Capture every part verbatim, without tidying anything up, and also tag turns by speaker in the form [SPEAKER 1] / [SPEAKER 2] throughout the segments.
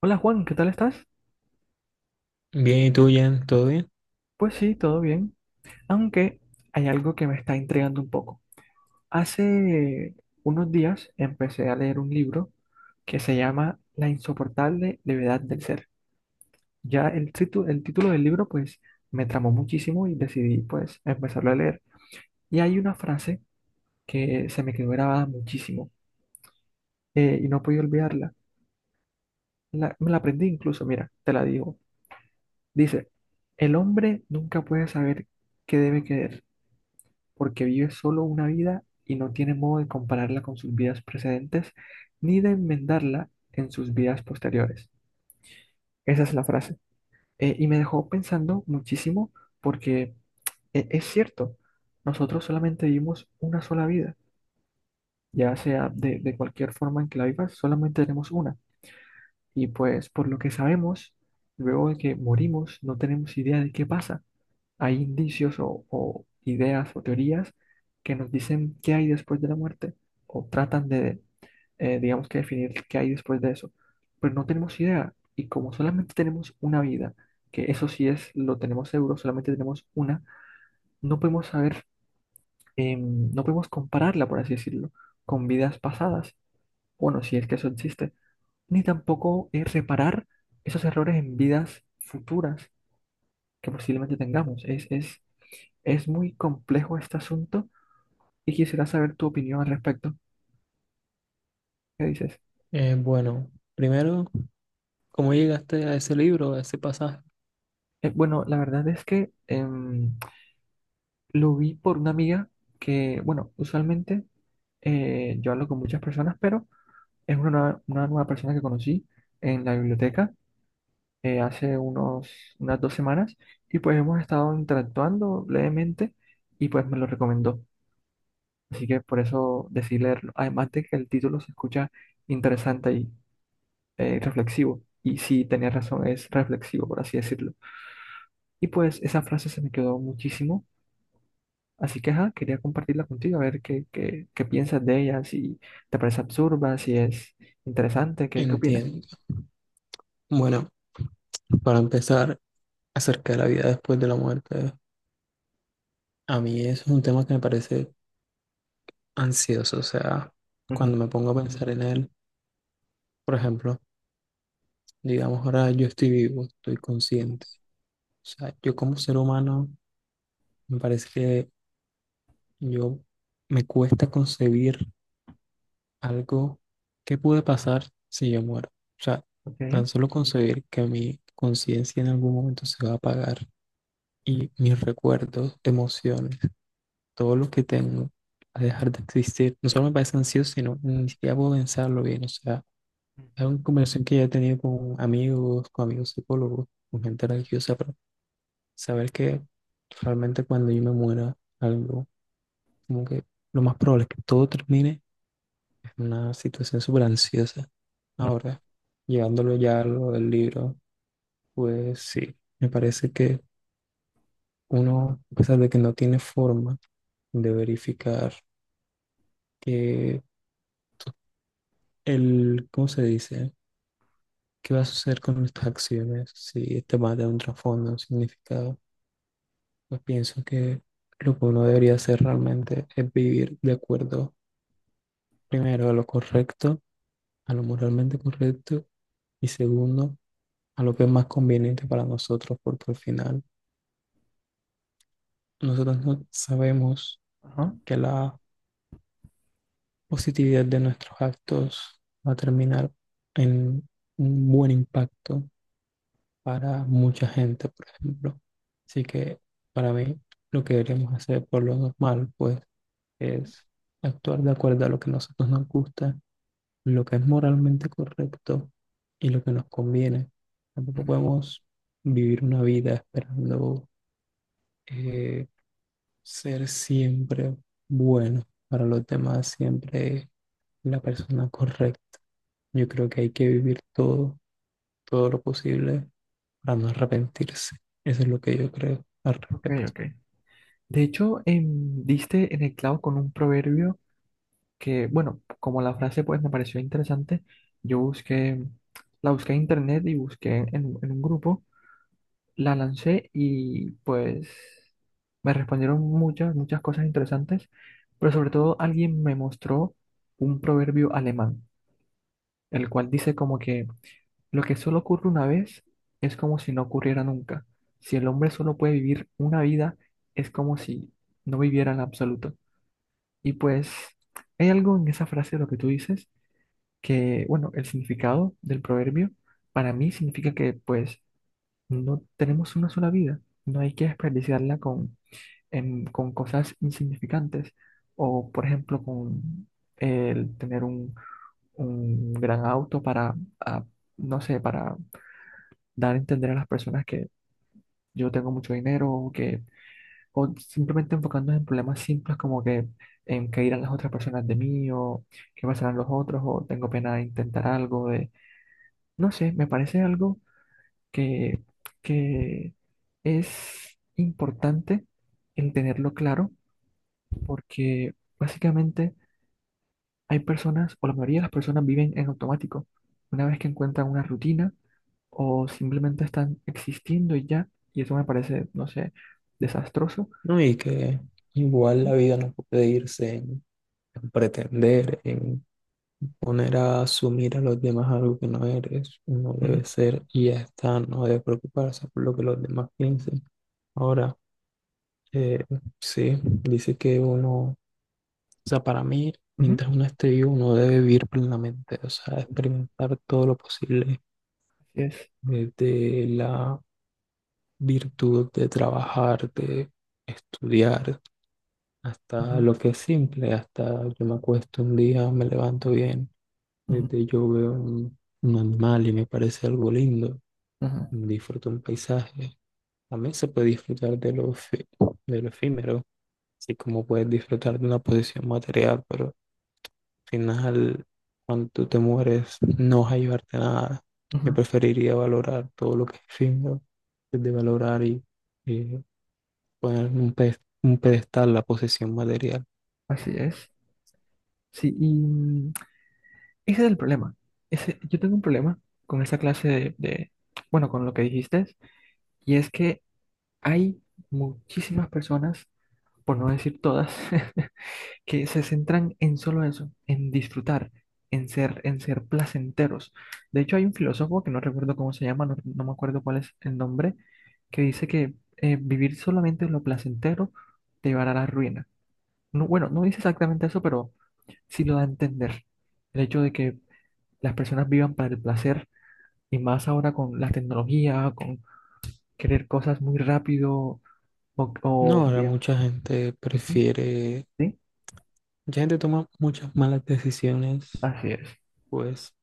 [SPEAKER 1] Hola Juan, ¿qué tal estás?
[SPEAKER 2] Bien, ¿y tú, Jen? ¿Todo bien?
[SPEAKER 1] Pues sí, todo bien. Aunque hay algo que me está intrigando un poco. Hace unos días empecé a leer un libro que se llama La insoportable levedad del ser. Ya el, titu- el título del libro pues me tramó muchísimo y decidí pues empezarlo a leer. Y hay una frase que se me quedó grabada muchísimo eh, y no podía olvidarla. La- me la aprendí incluso, mira, te la digo. Dice, el hombre nunca puede saber qué debe querer porque vive solo una vida y no tiene modo de compararla con sus vidas precedentes ni de enmendarla en sus vidas posteriores. Esa es la frase. Eh, y me dejó pensando muchísimo porque eh, es cierto, nosotros solamente vivimos una sola vida, ya sea de, de cualquier forma en que la vivas, solamente tenemos una. Y pues por lo que sabemos, luego de que morimos, no tenemos idea de qué pasa. Hay indicios o, o ideas o teorías que nos dicen qué hay después de la muerte o tratan de, eh, digamos que definir qué hay después de eso, pero no tenemos idea y como solamente tenemos una vida, que eso sí es, lo tenemos seguro, solamente tenemos una, no podemos saber, eh, no podemos compararla, por así decirlo, con vidas pasadas, bueno, si es que eso existe, ni tampoco eh, reparar esos errores en vidas futuras que posiblemente tengamos. Es, es es muy complejo este asunto y quisiera saber tu opinión al respecto. ¿Qué dices?
[SPEAKER 2] Eh, bueno, primero, ¿cómo llegaste a ese libro, a ese pasaje?
[SPEAKER 1] Eh, bueno, la verdad es que em, lo vi por una amiga que, bueno, usualmente eh, yo hablo con muchas personas, pero es una, nueva- una nueva persona que conocí en la biblioteca eh, hace unos, unas dos semanas y pues hemos estado interactuando levemente y pues me lo recomendó. Así que por eso decidí leerlo. Además de que el título se escucha interesante, eh, reflexivo. Y sí, tenía razón, es reflexivo, por así decirlo. Y pues esa frase se me quedó muchísimo. Así que, ajá, quería compartirla contigo, a ver qué, qué, qué piensas de ella, si te parece absurda, si es interesante, qué, qué opinas.
[SPEAKER 2] Entiendo. Bueno, para empezar, acerca de la vida después de la muerte, a mí eso es un tema que me parece ansioso. O sea,
[SPEAKER 1] Ujú.
[SPEAKER 2] cuando me pongo a pensar en él, por ejemplo, digamos ahora yo estoy vivo, estoy consciente. O sea, yo como ser humano, me parece que yo me cuesta concebir algo que puede pasar si yo muero. O sea,
[SPEAKER 1] Ok.
[SPEAKER 2] tan solo concebir que mi conciencia en algún momento se va a apagar y mis recuerdos, emociones, todo lo que tengo a dejar de existir, no solo me parece ansioso, sino ni siquiera puedo pensarlo bien. O sea, es una conversación que ya he tenido con amigos, con amigos psicólogos, con gente religiosa, pero saber que realmente cuando yo me muera, algo como que lo más probable es que todo termine es una situación súper ansiosa.
[SPEAKER 1] Mm,
[SPEAKER 2] Ahora, llevándolo ya a lo del libro, pues sí, me parece que uno, a pesar de que no tiene forma de verificar que el, ¿cómo se dice? ¿Qué va a suceder con nuestras acciones? Si este va a dar un trasfondo, un significado, pues pienso que lo que uno debería hacer realmente es vivir de acuerdo, primero, a lo correcto, a lo moralmente correcto, y segundo, a lo que es más conveniente para nosotros, porque al final nosotros no sabemos
[SPEAKER 1] ajá.
[SPEAKER 2] que la positividad de nuestros actos va a terminar en un buen impacto para mucha gente, por ejemplo. Así que para mí lo que deberíamos hacer por lo normal, pues, es actuar de acuerdo a lo que a nosotros nos gusta, lo que es moralmente correcto y lo que nos conviene. Tampoco
[SPEAKER 1] Ujú.
[SPEAKER 2] podemos vivir una vida esperando eh, ser siempre bueno para los demás, siempre la persona correcta. Yo creo que hay que vivir todo, todo lo posible para no arrepentirse. Eso es lo que yo creo al
[SPEAKER 1] Ok,
[SPEAKER 2] respecto.
[SPEAKER 1] ok. De hecho, em, diste en el clavo con un proverbio que, bueno, como la frase pues me pareció interesante, yo busqué, la busqué en internet y busqué en, en un grupo la lancé y pues me respondieron muchas, muchas cosas interesantes, pero sobre todo alguien me mostró un proverbio alemán, el cual dice como que lo que solo ocurre una vez es como si no ocurriera nunca. Si el hombre solo puede vivir una vida, es como si no viviera en absoluto. Y pues hay algo en esa frase, lo que tú dices, que bueno, el significado del proverbio para mí significa que pues no tenemos una sola vida, no hay que desperdiciarla con, en- con cosas insignificantes o, por ejemplo, con el tener un, un gran auto para, ah, no sé, para dar a entender a las personas que yo tengo mucho dinero o que, o simplemente enfocándonos en problemas simples como que en qué irán las otras personas de mí o qué pasarán los otros o tengo pena de intentar algo de, no sé, me parece algo que, que es importante el tenerlo claro porque básicamente hay personas, o la mayoría de las personas viven en automático. Una vez que encuentran una rutina o simplemente están existiendo y ya, y eso me parece, no sé, desastroso.
[SPEAKER 2] No, y que igual la vida no puede irse en, en pretender, en poner a asumir a los demás algo que no eres. Uno debe
[SPEAKER 1] Ujú,
[SPEAKER 2] ser y ya está, no debe preocuparse por lo que los demás piensen. Ahora, eh, sí, dice que uno, o sea, para mí,
[SPEAKER 1] ujú.
[SPEAKER 2] mientras uno esté vivo, uno debe vivir plenamente, o sea, experimentar todo lo posible
[SPEAKER 1] Así es.
[SPEAKER 2] desde la virtud de trabajar, de estudiar, hasta
[SPEAKER 1] Ujú,
[SPEAKER 2] lo que es simple, hasta yo me acuesto un día, me levanto bien,
[SPEAKER 1] ujú,
[SPEAKER 2] desde yo veo un, un animal y me parece algo lindo,
[SPEAKER 1] ujú,
[SPEAKER 2] disfruto un paisaje. También se puede disfrutar de lo, efe- de lo efímero, así como puedes disfrutar de una posición material, pero al final, cuando tú te mueres, no vas a llevarte nada. Yo
[SPEAKER 1] ujú.
[SPEAKER 2] preferiría valorar todo lo que es efímero, de valorar y eh, poner en un pes- un pedestal la posesión material.
[SPEAKER 1] Así es. Sí, y mm, ese es el problema. Ese, yo tengo un problema con esa clase de, de- bueno, con lo que dijiste. Y es que hay muchísimas personas, por no decir todas, que se centran en solo eso, en disfrutar, en ser, en ser placenteros. De hecho, hay un filósofo que no recuerdo cómo se llama, no, no me acuerdo cuál es el nombre, que dice que eh, vivir solamente lo placentero te llevará a la ruina. No, bueno, no dice exactamente eso, pero sí lo da a entender. El hecho de que las personas vivan para el placer y más ahora con la tecnología, con querer cosas muy rápido. O,
[SPEAKER 2] No,
[SPEAKER 1] o,
[SPEAKER 2] ahora
[SPEAKER 1] digamos,
[SPEAKER 2] mucha gente
[SPEAKER 1] ujú,
[SPEAKER 2] prefiere,
[SPEAKER 1] sí,
[SPEAKER 2] mucha gente toma muchas malas decisiones,
[SPEAKER 1] así es.
[SPEAKER 2] pues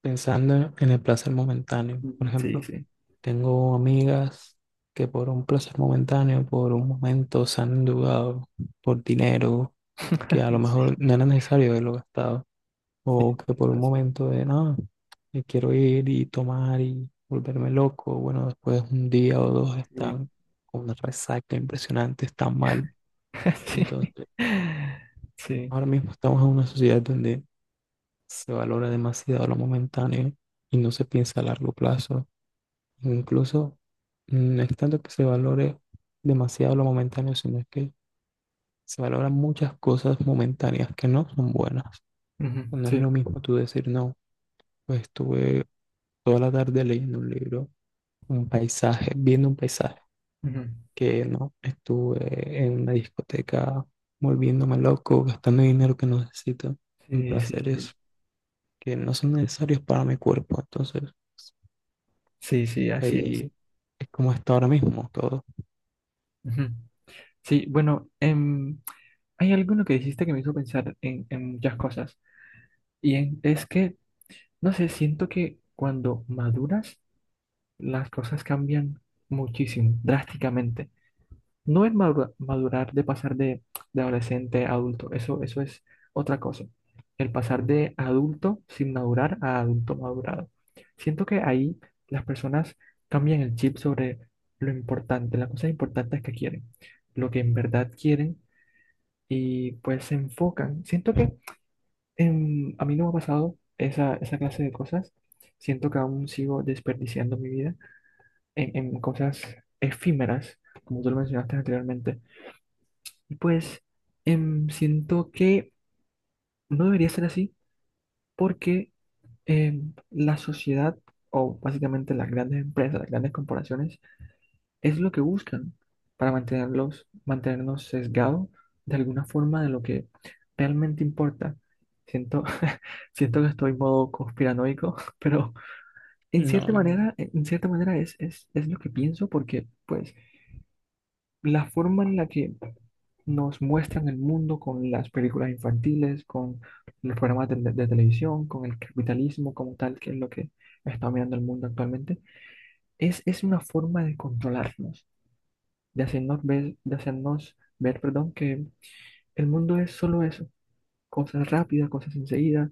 [SPEAKER 2] pensando en el placer momentáneo. Por
[SPEAKER 1] Ujú. Sí,
[SPEAKER 2] ejemplo,
[SPEAKER 1] sí.
[SPEAKER 2] tengo amigas que por un placer momentáneo, por un momento se han endeudado por dinero que a lo
[SPEAKER 1] Sí,
[SPEAKER 2] mejor no era necesario haberlo gastado.
[SPEAKER 1] sí,
[SPEAKER 2] O que por
[SPEAKER 1] entiendo
[SPEAKER 2] un
[SPEAKER 1] eso.
[SPEAKER 2] momento de, no, eh, quiero ir y tomar y volverme loco. Bueno, después un día o dos
[SPEAKER 1] Sí.
[SPEAKER 2] están con una resaca impresionante, están mal.
[SPEAKER 1] Sí.
[SPEAKER 2] Entonces,
[SPEAKER 1] Sí.
[SPEAKER 2] ahora mismo estamos en una sociedad donde se valora demasiado lo momentáneo y no se piensa a largo plazo. Incluso no es tanto que se valore demasiado lo momentáneo, sino es que se valoran muchas cosas momentáneas que no son buenas.
[SPEAKER 1] Ujú.
[SPEAKER 2] No es lo
[SPEAKER 1] Sí.
[SPEAKER 2] mismo tú decir, no, pues estuve toda la tarde leyendo un libro un paisaje, viendo un paisaje,
[SPEAKER 1] Ujú.
[SPEAKER 2] que no estuve en una discoteca volviéndome loco, gastando dinero que no necesito, en
[SPEAKER 1] Sí, sí, sí.
[SPEAKER 2] placeres que no son necesarios para mi cuerpo. Entonces,
[SPEAKER 1] Sí, sí, así es.
[SPEAKER 2] ahí es como está ahora mismo todo.
[SPEAKER 1] Ujú. Sí, bueno, em, hay algo en lo que dijiste que me hizo pensar en, en muchas cosas. Y en- es que, no sé, siento que cuando maduras, las cosas cambian muchísimo, drásticamente. No es madura- madurar de pasar de, de adolescente a adulto, eso, eso es otra cosa. El pasar de adulto sin madurar a adulto madurado. Siento que ahí las personas cambian el chip sobre lo importante, las cosas importantes que quieren, lo que en verdad quieren y pues se enfocan. Siento que em, a mí no me ha pasado esa, esa clase de cosas. Siento que aún sigo desperdiciando mi vida en, en cosas efímeras, como tú lo mencionaste anteriormente, y pues em, siento que no debería ser así porque em, la sociedad, o básicamente las grandes empresas, las grandes corporaciones, es lo que buscan para mantenerlos, mantenernos sesgados de alguna forma de lo que realmente importa. Siento, siento que estoy en modo conspiranoico, pero en
[SPEAKER 2] No,
[SPEAKER 1] cierta
[SPEAKER 2] no, no,
[SPEAKER 1] manera, en cierta manera es, es, es lo que pienso porque pues la forma en la que nos muestran el mundo con las películas infantiles, con los programas de, de televisión, con el capitalismo como tal, que es lo que está dominando el mundo actualmente, es, es una forma de controlarnos, de hacernos ver, de hacernos ver, perdón, que el mundo es solo eso, cosas rápidas, cosas enseguida,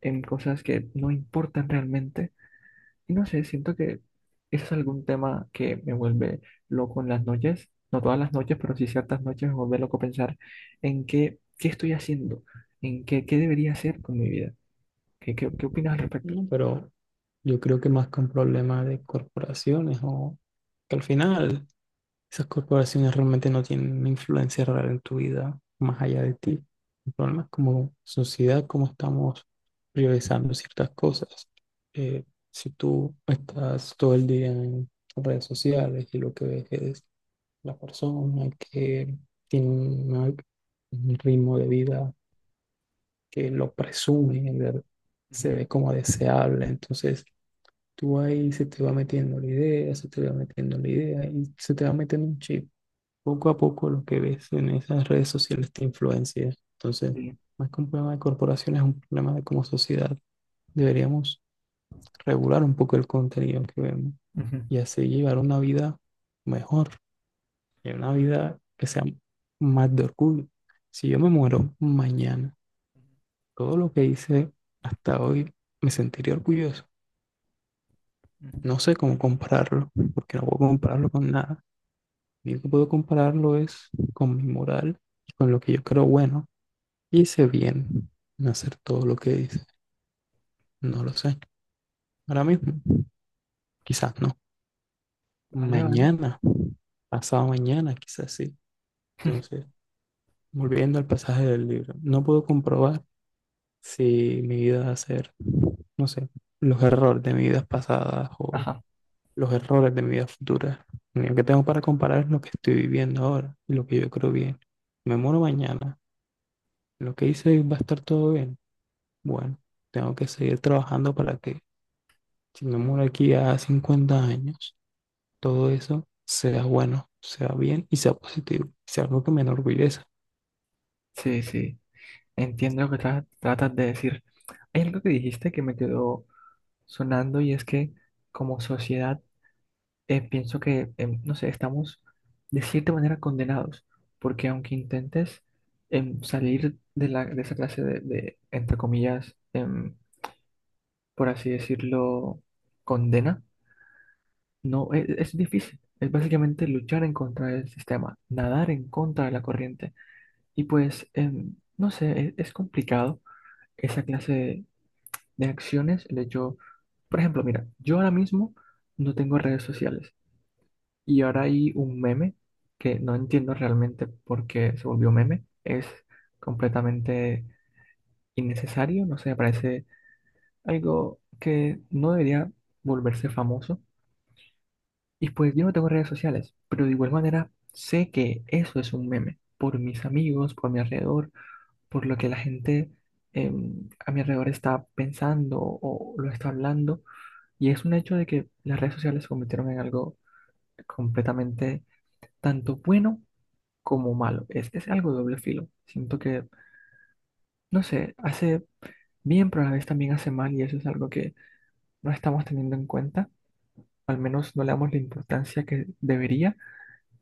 [SPEAKER 1] en cosas que no importan realmente y no sé, siento que ese es algún tema que me vuelve loco en las noches, no todas las noches, pero sí ciertas noches me vuelve loco pensar en qué, qué estoy haciendo, en qué, qué debería hacer con mi vida. ¿Qué, qué, qué opinas al respecto?
[SPEAKER 2] no, pero yo creo que más que un problema de corporaciones o que al final. Esas corporaciones realmente no tienen una influencia real en tu vida más allá de ti. El problema es como sociedad, cómo estamos priorizando ciertas cosas. Eh, si tú estás todo el día en redes sociales y lo que ves es la persona que tiene una- un ritmo de vida que lo presume, en ver- se
[SPEAKER 1] Ujú.
[SPEAKER 2] ve como deseable, entonces tú ahí se te va metiendo la idea, se te va metiendo la idea y se te va metiendo un chip. Poco a poco lo que ves en esas redes sociales te influencia. Entonces,
[SPEAKER 1] Sí.
[SPEAKER 2] más que un problema de corporaciones es un problema de como sociedad. Deberíamos regular un poco el contenido que vemos
[SPEAKER 1] Ujú,
[SPEAKER 2] y así llevar una vida mejor, y una vida que sea más de orgullo. Si yo me muero mañana, todo lo que hice hasta hoy me sentiría orgulloso.
[SPEAKER 1] ujú.
[SPEAKER 2] No sé cómo compararlo, porque no puedo compararlo con nada. Lo único que puedo compararlo es con mi moral y con lo que yo creo bueno. Hice bien en hacer todo lo que hice. No lo sé. Ahora mismo, quizás no.
[SPEAKER 1] Vale, vale.
[SPEAKER 2] Mañana, pasado mañana, quizás sí. Entonces, volviendo al pasaje del libro, no puedo comprobar si mi vida va a ser, no sé, los errores de mi vida pasada o
[SPEAKER 1] Ajá.
[SPEAKER 2] los errores de mi vida futura. Lo único que tengo para comparar es lo que estoy viviendo ahora y lo que yo creo bien. Me muero mañana. Lo que hice va a estar todo bien. Bueno, tengo que seguir trabajando para que si me muero aquí a cincuenta años, todo eso sea bueno, sea bien y sea positivo, sea algo que me enorgullece.
[SPEAKER 1] Sí, sí. Entiendo lo que tra- tratas de decir. Hay algo que dijiste que me quedó sonando y es que como sociedad, eh, pienso que, em, no sé, estamos de cierta manera condenados, porque aunque intentes em, salir de, la, de esa clase de, de, entre comillas, em, por así decirlo, condena, no, e- e- es difícil. Es básicamente luchar en contra del sistema, nadar en contra de la corriente. Y pues, em, no sé, e- es complicado esa clase de, de acciones. El hecho, por ejemplo, mira, yo ahora mismo no tengo redes sociales. Y ahora hay un meme que no entiendo realmente por qué se volvió meme. Es completamente innecesario, no sé, parece algo que no debería volverse famoso. Y pues yo no tengo redes sociales, pero de igual manera sé que eso es un meme por mis amigos, por mi alrededor, por lo que la gente em, a mi alrededor está pensando o lo está hablando. Y es un hecho de que las redes sociales se convirtieron en algo completamente tanto bueno como malo. Es, es algo doble filo. Siento que, no sé, hace bien, pero a la vez también hace mal y eso es algo que no estamos teniendo en cuenta. Al menos no le damos la importancia que debería.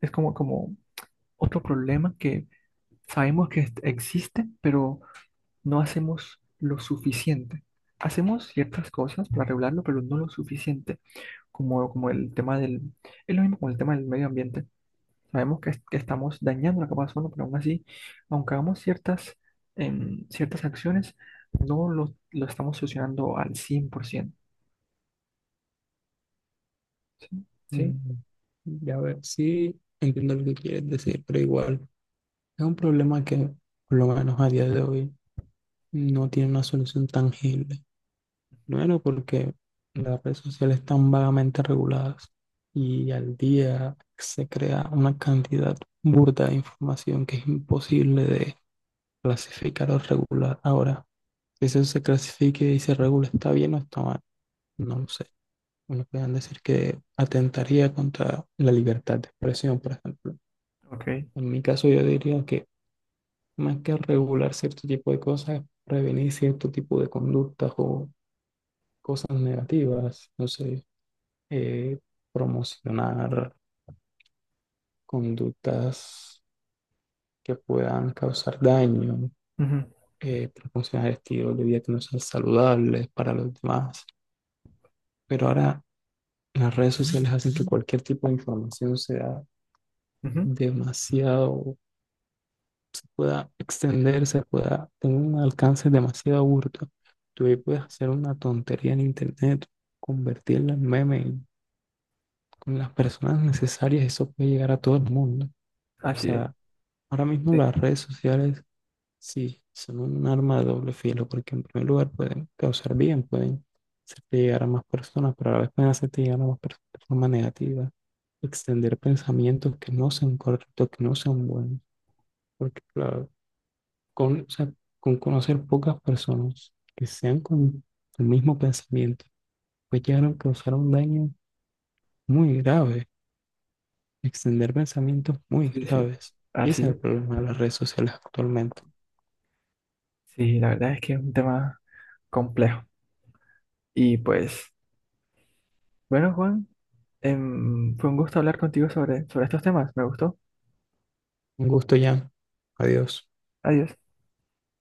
[SPEAKER 1] Es como, como otro problema que sabemos que est- existe, pero no hacemos lo suficiente. Hacemos ciertas cosas para regularlo, pero no lo suficiente, como, como el tema del, es lo mismo con el tema del medio ambiente. Sabemos que, que estamos dañando la capa de ozono, pero aún así, aunque hagamos ciertas, em, ciertas acciones, no lo, lo estamos solucionando al cien por ciento. ¿Sí? ¿Sí?
[SPEAKER 2] Mm, ya ver, sí, entiendo lo que quieres decir, pero igual es un problema que, por lo menos a día de hoy, no tiene una solución tangible. Bueno, porque las redes sociales están vagamente reguladas y al día se crea una cantidad burda de información que es imposible de clasificar o regular. Ahora, que eso se clasifique y se regule está bien o está mal, no lo sé. Unos pueden decir que atentaría contra la libertad de expresión, por ejemplo.
[SPEAKER 1] Ok.
[SPEAKER 2] En mi caso yo diría que más que regular cierto tipo de cosas, prevenir cierto tipo de conductas o cosas negativas, no sé, eh, promocionar conductas que puedan causar daño,
[SPEAKER 1] Ujú,
[SPEAKER 2] eh, promocionar estilos de vida que no sean saludables para los demás. Pero ahora las redes sociales hacen que cualquier tipo de información sea
[SPEAKER 1] ujú.
[SPEAKER 2] demasiado, se pueda extender, se pueda tener un alcance demasiado burdo. Tú ahí puedes hacer una tontería en internet, convertirla en meme en- con las personas necesarias, eso puede llegar a todo el mundo. O
[SPEAKER 1] Así es.
[SPEAKER 2] sea, ahora mismo
[SPEAKER 1] Sí,
[SPEAKER 2] las redes sociales sí son un arma de doble filo, porque en primer lugar pueden causar bien, pueden hacerte llegar a más personas, pero a la vez pueden hacerte llegar a más personas de forma negativa extender pensamientos que no sean correctos, que no sean buenos, porque claro, con, o sea, con conocer pocas personas que sean con el mismo pensamiento, pues llegaron a causar un daño muy grave, extender pensamientos muy
[SPEAKER 1] sí, sí.
[SPEAKER 2] graves. Y ese es el
[SPEAKER 1] Así.
[SPEAKER 2] problema de las redes sociales actualmente.
[SPEAKER 1] Sí, la verdad es que es un tema complejo. Y pues, bueno, Juan, em, fue un gusto hablar contigo sobre, sobre estos temas. Me gustó.
[SPEAKER 2] Un gusto, ya. Adiós.
[SPEAKER 1] Adiós.